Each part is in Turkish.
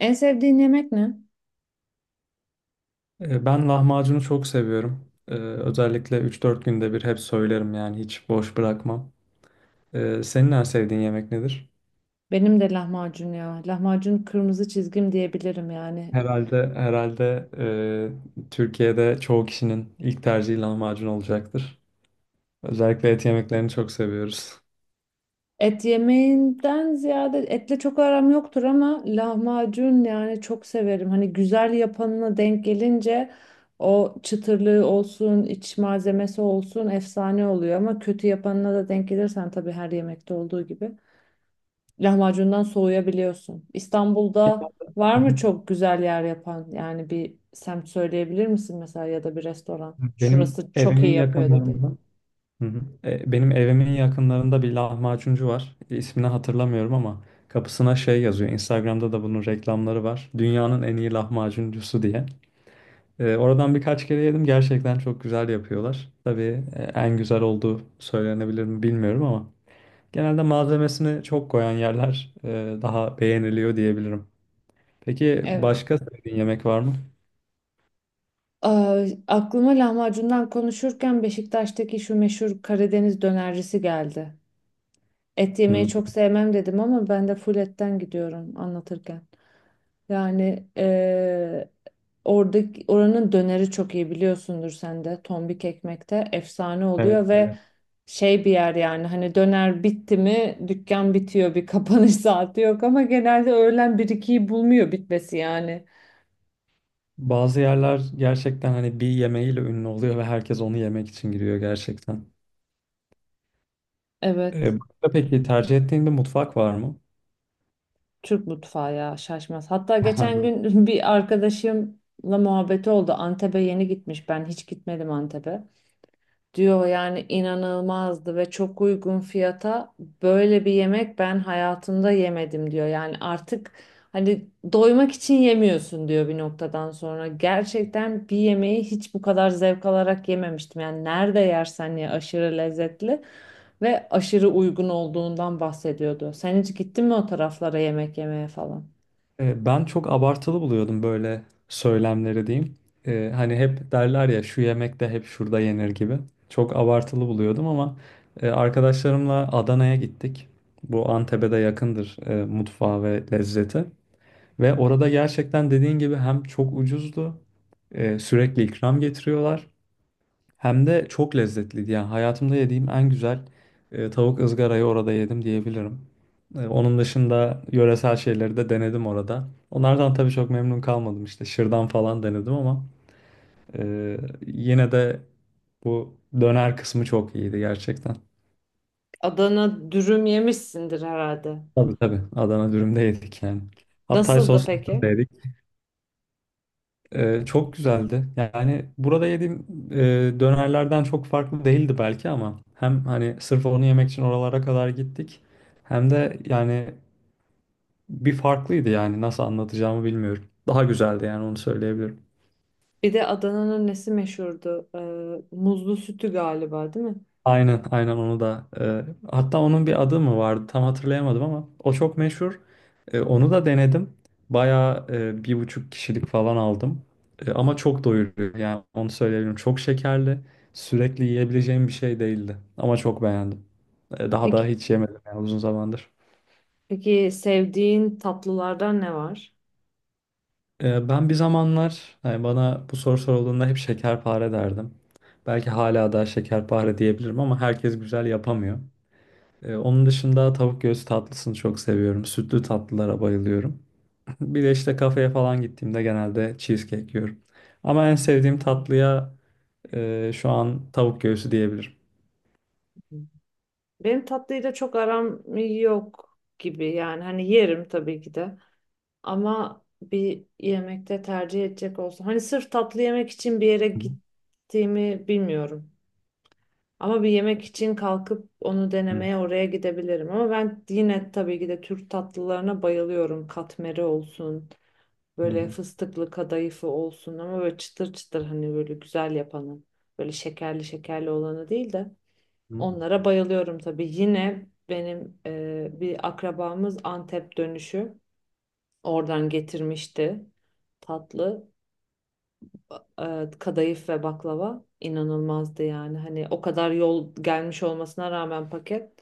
En sevdiğin yemek ne? Ben lahmacunu çok seviyorum. Özellikle üç dört günde bir hep söylerim yani hiç boş bırakmam. Senin en sevdiğin yemek nedir? Benim de lahmacun ya. Lahmacun kırmızı çizgim diyebilirim yani. Herhalde herhalde, Türkiye'de çoğu kişinin ilk tercihi lahmacun olacaktır. Özellikle et yemeklerini çok seviyoruz. Et yemeğinden ziyade etle çok aram yoktur ama lahmacun yani çok severim. Hani güzel yapanına denk gelince o çıtırlığı olsun, iç malzemesi olsun efsane oluyor ama kötü yapanına da denk gelirsen tabii her yemekte olduğu gibi lahmacundan soğuyabiliyorsun. İstanbul'da var Hı mı hı. çok güzel yer yapan? Yani bir semt söyleyebilir misin mesela ya da bir restoran? Benim Şurası çok evimin iyi yapıyor dedi. yakınlarında. Hı hı. Benim evimin yakınlarında bir lahmacuncu var. İsmini hatırlamıyorum ama kapısına şey yazıyor. Instagram'da da bunun reklamları var. Dünyanın en iyi lahmacuncusu diye. Oradan birkaç kere yedim. Gerçekten çok güzel yapıyorlar. Tabii, en güzel olduğu söylenebilir mi bilmiyorum ama genelde malzemesini çok koyan yerler, daha beğeniliyor diyebilirim. Peki Evet. başka sevdiğin yemek var mı? Aa, aklıma lahmacundan konuşurken Beşiktaş'taki şu meşhur Karadeniz dönercisi geldi. Et Hmm, yemeyi çok sevmem dedim ama ben de full etten gidiyorum anlatırken. Yani oranın döneri çok iyi biliyorsundur sen de. Tombik ekmekte efsane Evet, oluyor ve evet. şey bir yer yani hani döner bitti mi dükkan bitiyor bir kapanış saati yok ama genelde öğlen bir ikiyi bulmuyor bitmesi yani. Bazı yerler gerçekten hani bir yemeğiyle ünlü oluyor ve herkes onu yemek için giriyor gerçekten. Evet, Başka peki tercih ettiğin bir mutfak var mı? Türk mutfağı ya şaşmaz. Hatta geçen gün bir arkadaşımla muhabbeti oldu. Antep'e yeni gitmiş. Ben hiç gitmedim Antep'e. Diyor yani inanılmazdı ve çok uygun fiyata böyle bir yemek ben hayatımda yemedim diyor. Yani artık hani doymak için yemiyorsun diyor bir noktadan sonra. Gerçekten bir yemeği hiç bu kadar zevk alarak yememiştim. Yani nerede yersen ye aşırı lezzetli ve aşırı uygun olduğundan bahsediyordu. Sen hiç gittin mi o taraflara yemek yemeye falan? Ben çok abartılı buluyordum böyle söylemleri diyeyim. Hani hep derler ya şu yemek de hep şurada yenir gibi. Çok abartılı buluyordum ama arkadaşlarımla Adana'ya gittik. Bu Antep'e de yakındır, mutfağı ve lezzeti. Ve orada gerçekten dediğin gibi hem çok ucuzdu, sürekli ikram getiriyorlar. Hem de çok lezzetliydi. Yani hayatımda yediğim en güzel tavuk ızgarayı orada yedim diyebilirim. Onun dışında yöresel şeyleri de denedim orada. Onlardan tabii çok memnun kalmadım işte. Şırdan falan denedim ama e, yine de bu döner kısmı çok iyiydi gerçekten. Adana dürüm yemişsindir herhalde. Tabii tabii. Adana dürüm de yedik yani. Hatay Nasıldı soslu dürüm de peki? yedik. Çok güzeldi. Yani burada yediğim dönerlerden çok farklı değildi belki ama hem hani sırf onu yemek için oralara kadar gittik hem de yani bir farklıydı yani nasıl anlatacağımı bilmiyorum. Daha güzeldi yani onu söyleyebilirim. Bir de Adana'nın nesi meşhurdu? Muzlu sütü galiba, değil mi? Aynen, aynen onu da. Hatta onun bir adı mı vardı tam hatırlayamadım ama o çok meşhur. Onu da denedim. Bayağı bir buçuk kişilik falan aldım. Ama çok doyuruyor yani onu söyleyebilirim. Çok şekerli, sürekli yiyebileceğim bir şey değildi. Ama çok beğendim. Daha da Peki, hiç yemedim yani uzun zamandır. peki sevdiğin tatlılardan ne var? Ben bir zamanlar hani bana bu soru sorulduğunda hep şekerpare derdim. Belki hala da şekerpare diyebilirim ama herkes güzel yapamıyor. Onun dışında tavuk göğsü tatlısını çok seviyorum. Sütlü tatlılara bayılıyorum. Bir de işte kafeye falan gittiğimde genelde cheesecake yiyorum. Ama en sevdiğim tatlıya şu an tavuk göğsü diyebilirim. Benim tatlıyla çok aram yok gibi. Yani hani yerim tabii ki de. Ama bir yemekte tercih edecek olsam. Hani sırf tatlı yemek için bir yere Hı gittiğimi bilmiyorum. Ama bir yemek için kalkıp onu hı. denemeye oraya gidebilirim. Ama ben yine tabii ki de Türk tatlılarına bayılıyorum. Katmeri olsun. Hı Böyle fıstıklı kadayıfı olsun ama böyle çıtır çıtır hani böyle güzel yapanı. Böyle şekerli şekerli olanı değil de. hı. Onlara bayılıyorum tabii. Yine benim bir akrabamız Antep dönüşü. Oradan getirmişti tatlı. Kadayıf ve baklava inanılmazdı yani. Hani o kadar yol gelmiş olmasına rağmen paket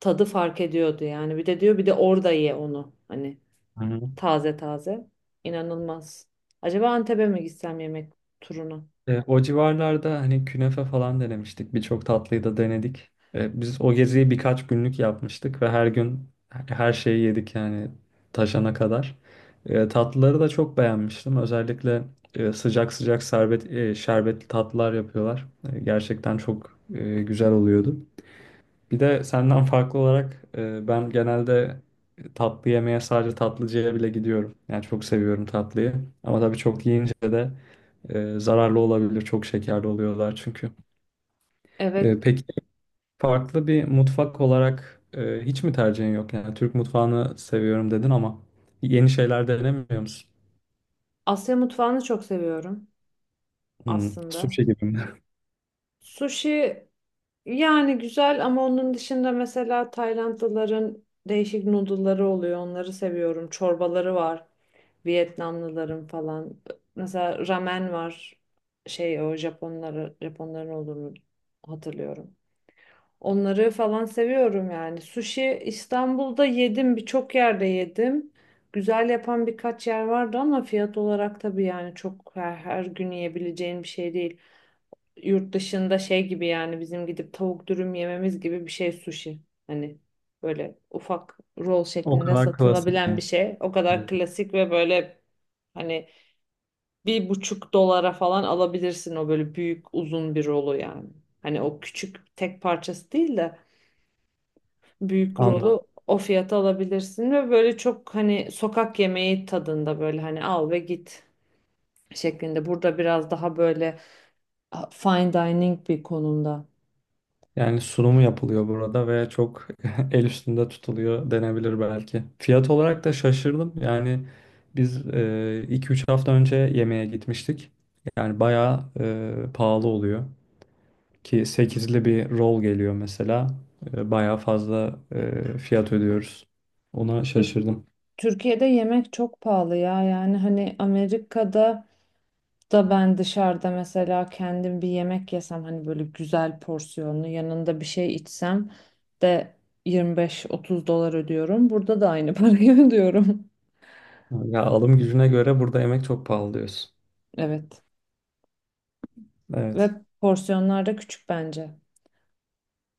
tadı fark ediyordu yani. Bir de diyor bir de orada ye onu. Hani Hı hı. taze taze. İnanılmaz. Acaba Antep'e mi gitsem yemek turuna? O civarlarda hani künefe falan denemiştik. Birçok tatlıyı da denedik. Biz o geziyi birkaç günlük yapmıştık ve her gün her şeyi yedik yani taşana kadar. Tatlıları da çok beğenmiştim. Özellikle sıcak sıcak serbet, şerbetli tatlılar yapıyorlar. Gerçekten çok güzel oluyordu. Bir de senden farklı olarak ben genelde tatlı yemeye sadece tatlıcıya bile gidiyorum. Yani çok seviyorum tatlıyı. Ama tabii çok yiyince de zararlı olabilir. Çok şekerli oluyorlar çünkü. Evet. Peki farklı bir mutfak olarak hiç mi tercihin yok? Yani Türk mutfağını seviyorum dedin ama yeni şeyler denemiyor musun? Asya mutfağını çok seviyorum Hmm, aslında. sushi gibi mi? Sushi yani güzel ama onun dışında mesela Taylandlıların değişik noodle'ları oluyor. Onları seviyorum. Çorbaları var. Vietnamlıların falan. Mesela ramen var. Şey o Japonların olduğunu hatırlıyorum. Onları falan seviyorum yani. Sushi İstanbul'da yedim, birçok yerde yedim. Güzel yapan birkaç yer vardı ama fiyat olarak tabii yani çok her gün yiyebileceğin bir şey değil. Yurt dışında şey gibi yani bizim gidip tavuk dürüm yememiz gibi bir şey sushi. Hani böyle ufak roll O şeklinde kadar klasik satılabilen yani. bir şey. O kadar klasik ve böyle hani bir buçuk dolara falan alabilirsin o böyle büyük uzun bir rolu yani. Hani o küçük tek parçası değil de büyük rolü Anladım. o fiyata alabilirsin ve böyle çok hani sokak yemeği tadında böyle hani al ve git şeklinde. Burada biraz daha böyle fine dining bir konumda. Yani sunumu yapılıyor burada ve çok el üstünde tutuluyor denebilir belki. Fiyat olarak da şaşırdım. Yani biz iki üç hafta önce yemeğe gitmiştik. Yani bayağı pahalı oluyor. Ki sekizli bir roll geliyor mesela. Bayağı fazla fiyat ödüyoruz. Ona Tür- şaşırdım. Türkiye'de yemek çok pahalı ya yani hani Amerika'da da ben dışarıda mesela kendim bir yemek yesem hani böyle güzel porsiyonlu yanında bir şey içsem de 25-30 dolar ödüyorum. Burada da aynı parayı ödüyorum. Ya alım gücüne göre burada yemek çok pahalı diyorsun. Evet. Ve Evet. porsiyonlar da küçük bence.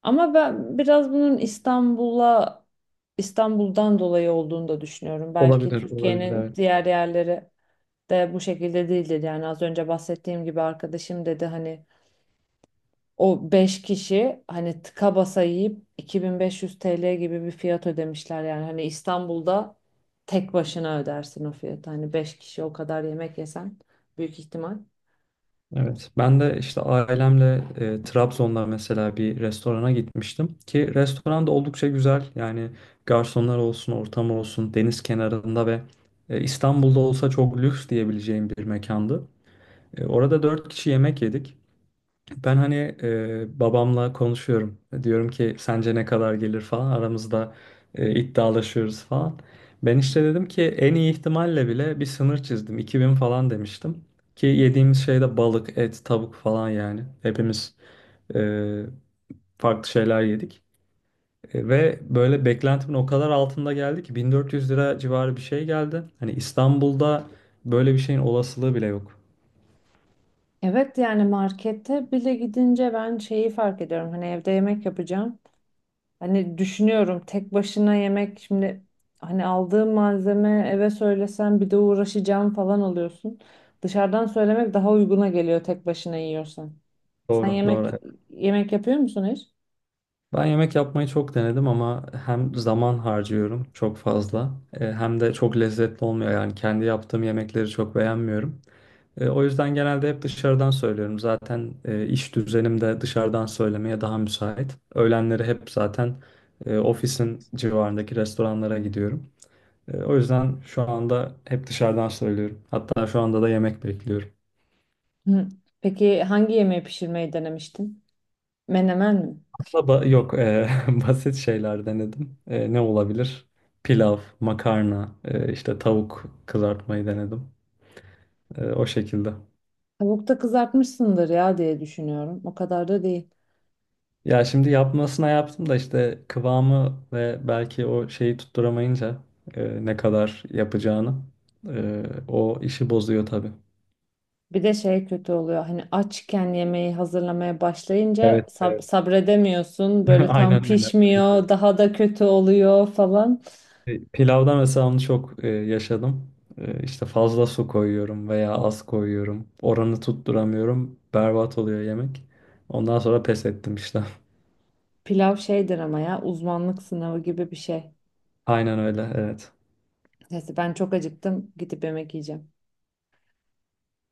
Ama ben biraz bunun İstanbul'dan dolayı olduğunu da düşünüyorum. Belki Olabilir, olabilir. Türkiye'nin Evet. diğer yerleri de bu şekilde değildir. Yani az önce bahsettiğim gibi arkadaşım dedi hani o 5 kişi hani tıka basa yiyip 2500 TL gibi bir fiyat ödemişler. Yani hani İstanbul'da tek başına ödersin o fiyatı. Hani 5 kişi o kadar yemek yesen büyük ihtimal. Evet. Ben de işte ailemle Trabzon'da mesela bir restorana gitmiştim ki restoran da oldukça güzel. Yani garsonlar olsun, ortam olsun, deniz kenarında ve İstanbul'da olsa çok lüks diyebileceğim bir mekandı. Orada dört kişi yemek yedik. Ben hani babamla konuşuyorum. Diyorum ki sence ne kadar gelir falan. Aramızda iddialaşıyoruz falan. Ben işte dedim ki en iyi ihtimalle bile bir sınır çizdim. 2000 falan demiştim. Ki yediğimiz şey de balık, et, tavuk falan yani. Hepimiz e, farklı şeyler yedik. Ve böyle beklentimin o kadar altında geldi ki 1400 lira civarı bir şey geldi. Hani İstanbul'da böyle bir şeyin olasılığı bile yok. Evet yani markete bile gidince ben şeyi fark ediyorum. Hani evde yemek yapacağım. Hani düşünüyorum tek başına yemek şimdi hani aldığım malzeme eve söylesen bir de uğraşacağım falan oluyorsun. Dışarıdan söylemek daha uyguna geliyor tek başına yiyorsan. Sen Doğru, yemek doğru. yemek yapıyor musun hiç? Ben yemek yapmayı çok denedim ama hem zaman harcıyorum çok fazla, hem de çok lezzetli olmuyor. Yani kendi yaptığım yemekleri çok beğenmiyorum. O yüzden genelde hep dışarıdan söylüyorum. Zaten iş düzenim de dışarıdan söylemeye daha müsait. Öğlenleri hep zaten ofisin civarındaki restoranlara gidiyorum. O yüzden şu anda hep dışarıdan söylüyorum. Hatta şu anda da yemek bekliyorum. Hı. Peki hangi yemeği pişirmeyi denemiştin? Menemen mi? Baba yok basit şeyler denedim. Ne olabilir? Pilav, makarna, işte tavuk kızartmayı denedim. O şekilde. Tavukta kızartmışsındır ya diye düşünüyorum. O kadar da değil. Ya şimdi yapmasına yaptım da işte kıvamı ve belki o şeyi tutturamayınca ne kadar yapacağını o işi bozuyor tabii. Bir de şey kötü oluyor. Hani açken yemeği hazırlamaya başlayınca Evet, evet. sabredemiyorsun. Böyle tam Aynen öyle. pişmiyor, daha da kötü oluyor falan. Pilavda mesela onu çok yaşadım. İşte fazla su koyuyorum veya az koyuyorum. Oranı tutturamıyorum. Berbat oluyor yemek. Ondan sonra pes ettim işte. Pilav şeydir ama ya uzmanlık sınavı gibi bir şey. Aynen öyle, evet. Neyse ben çok acıktım gidip yemek yiyeceğim.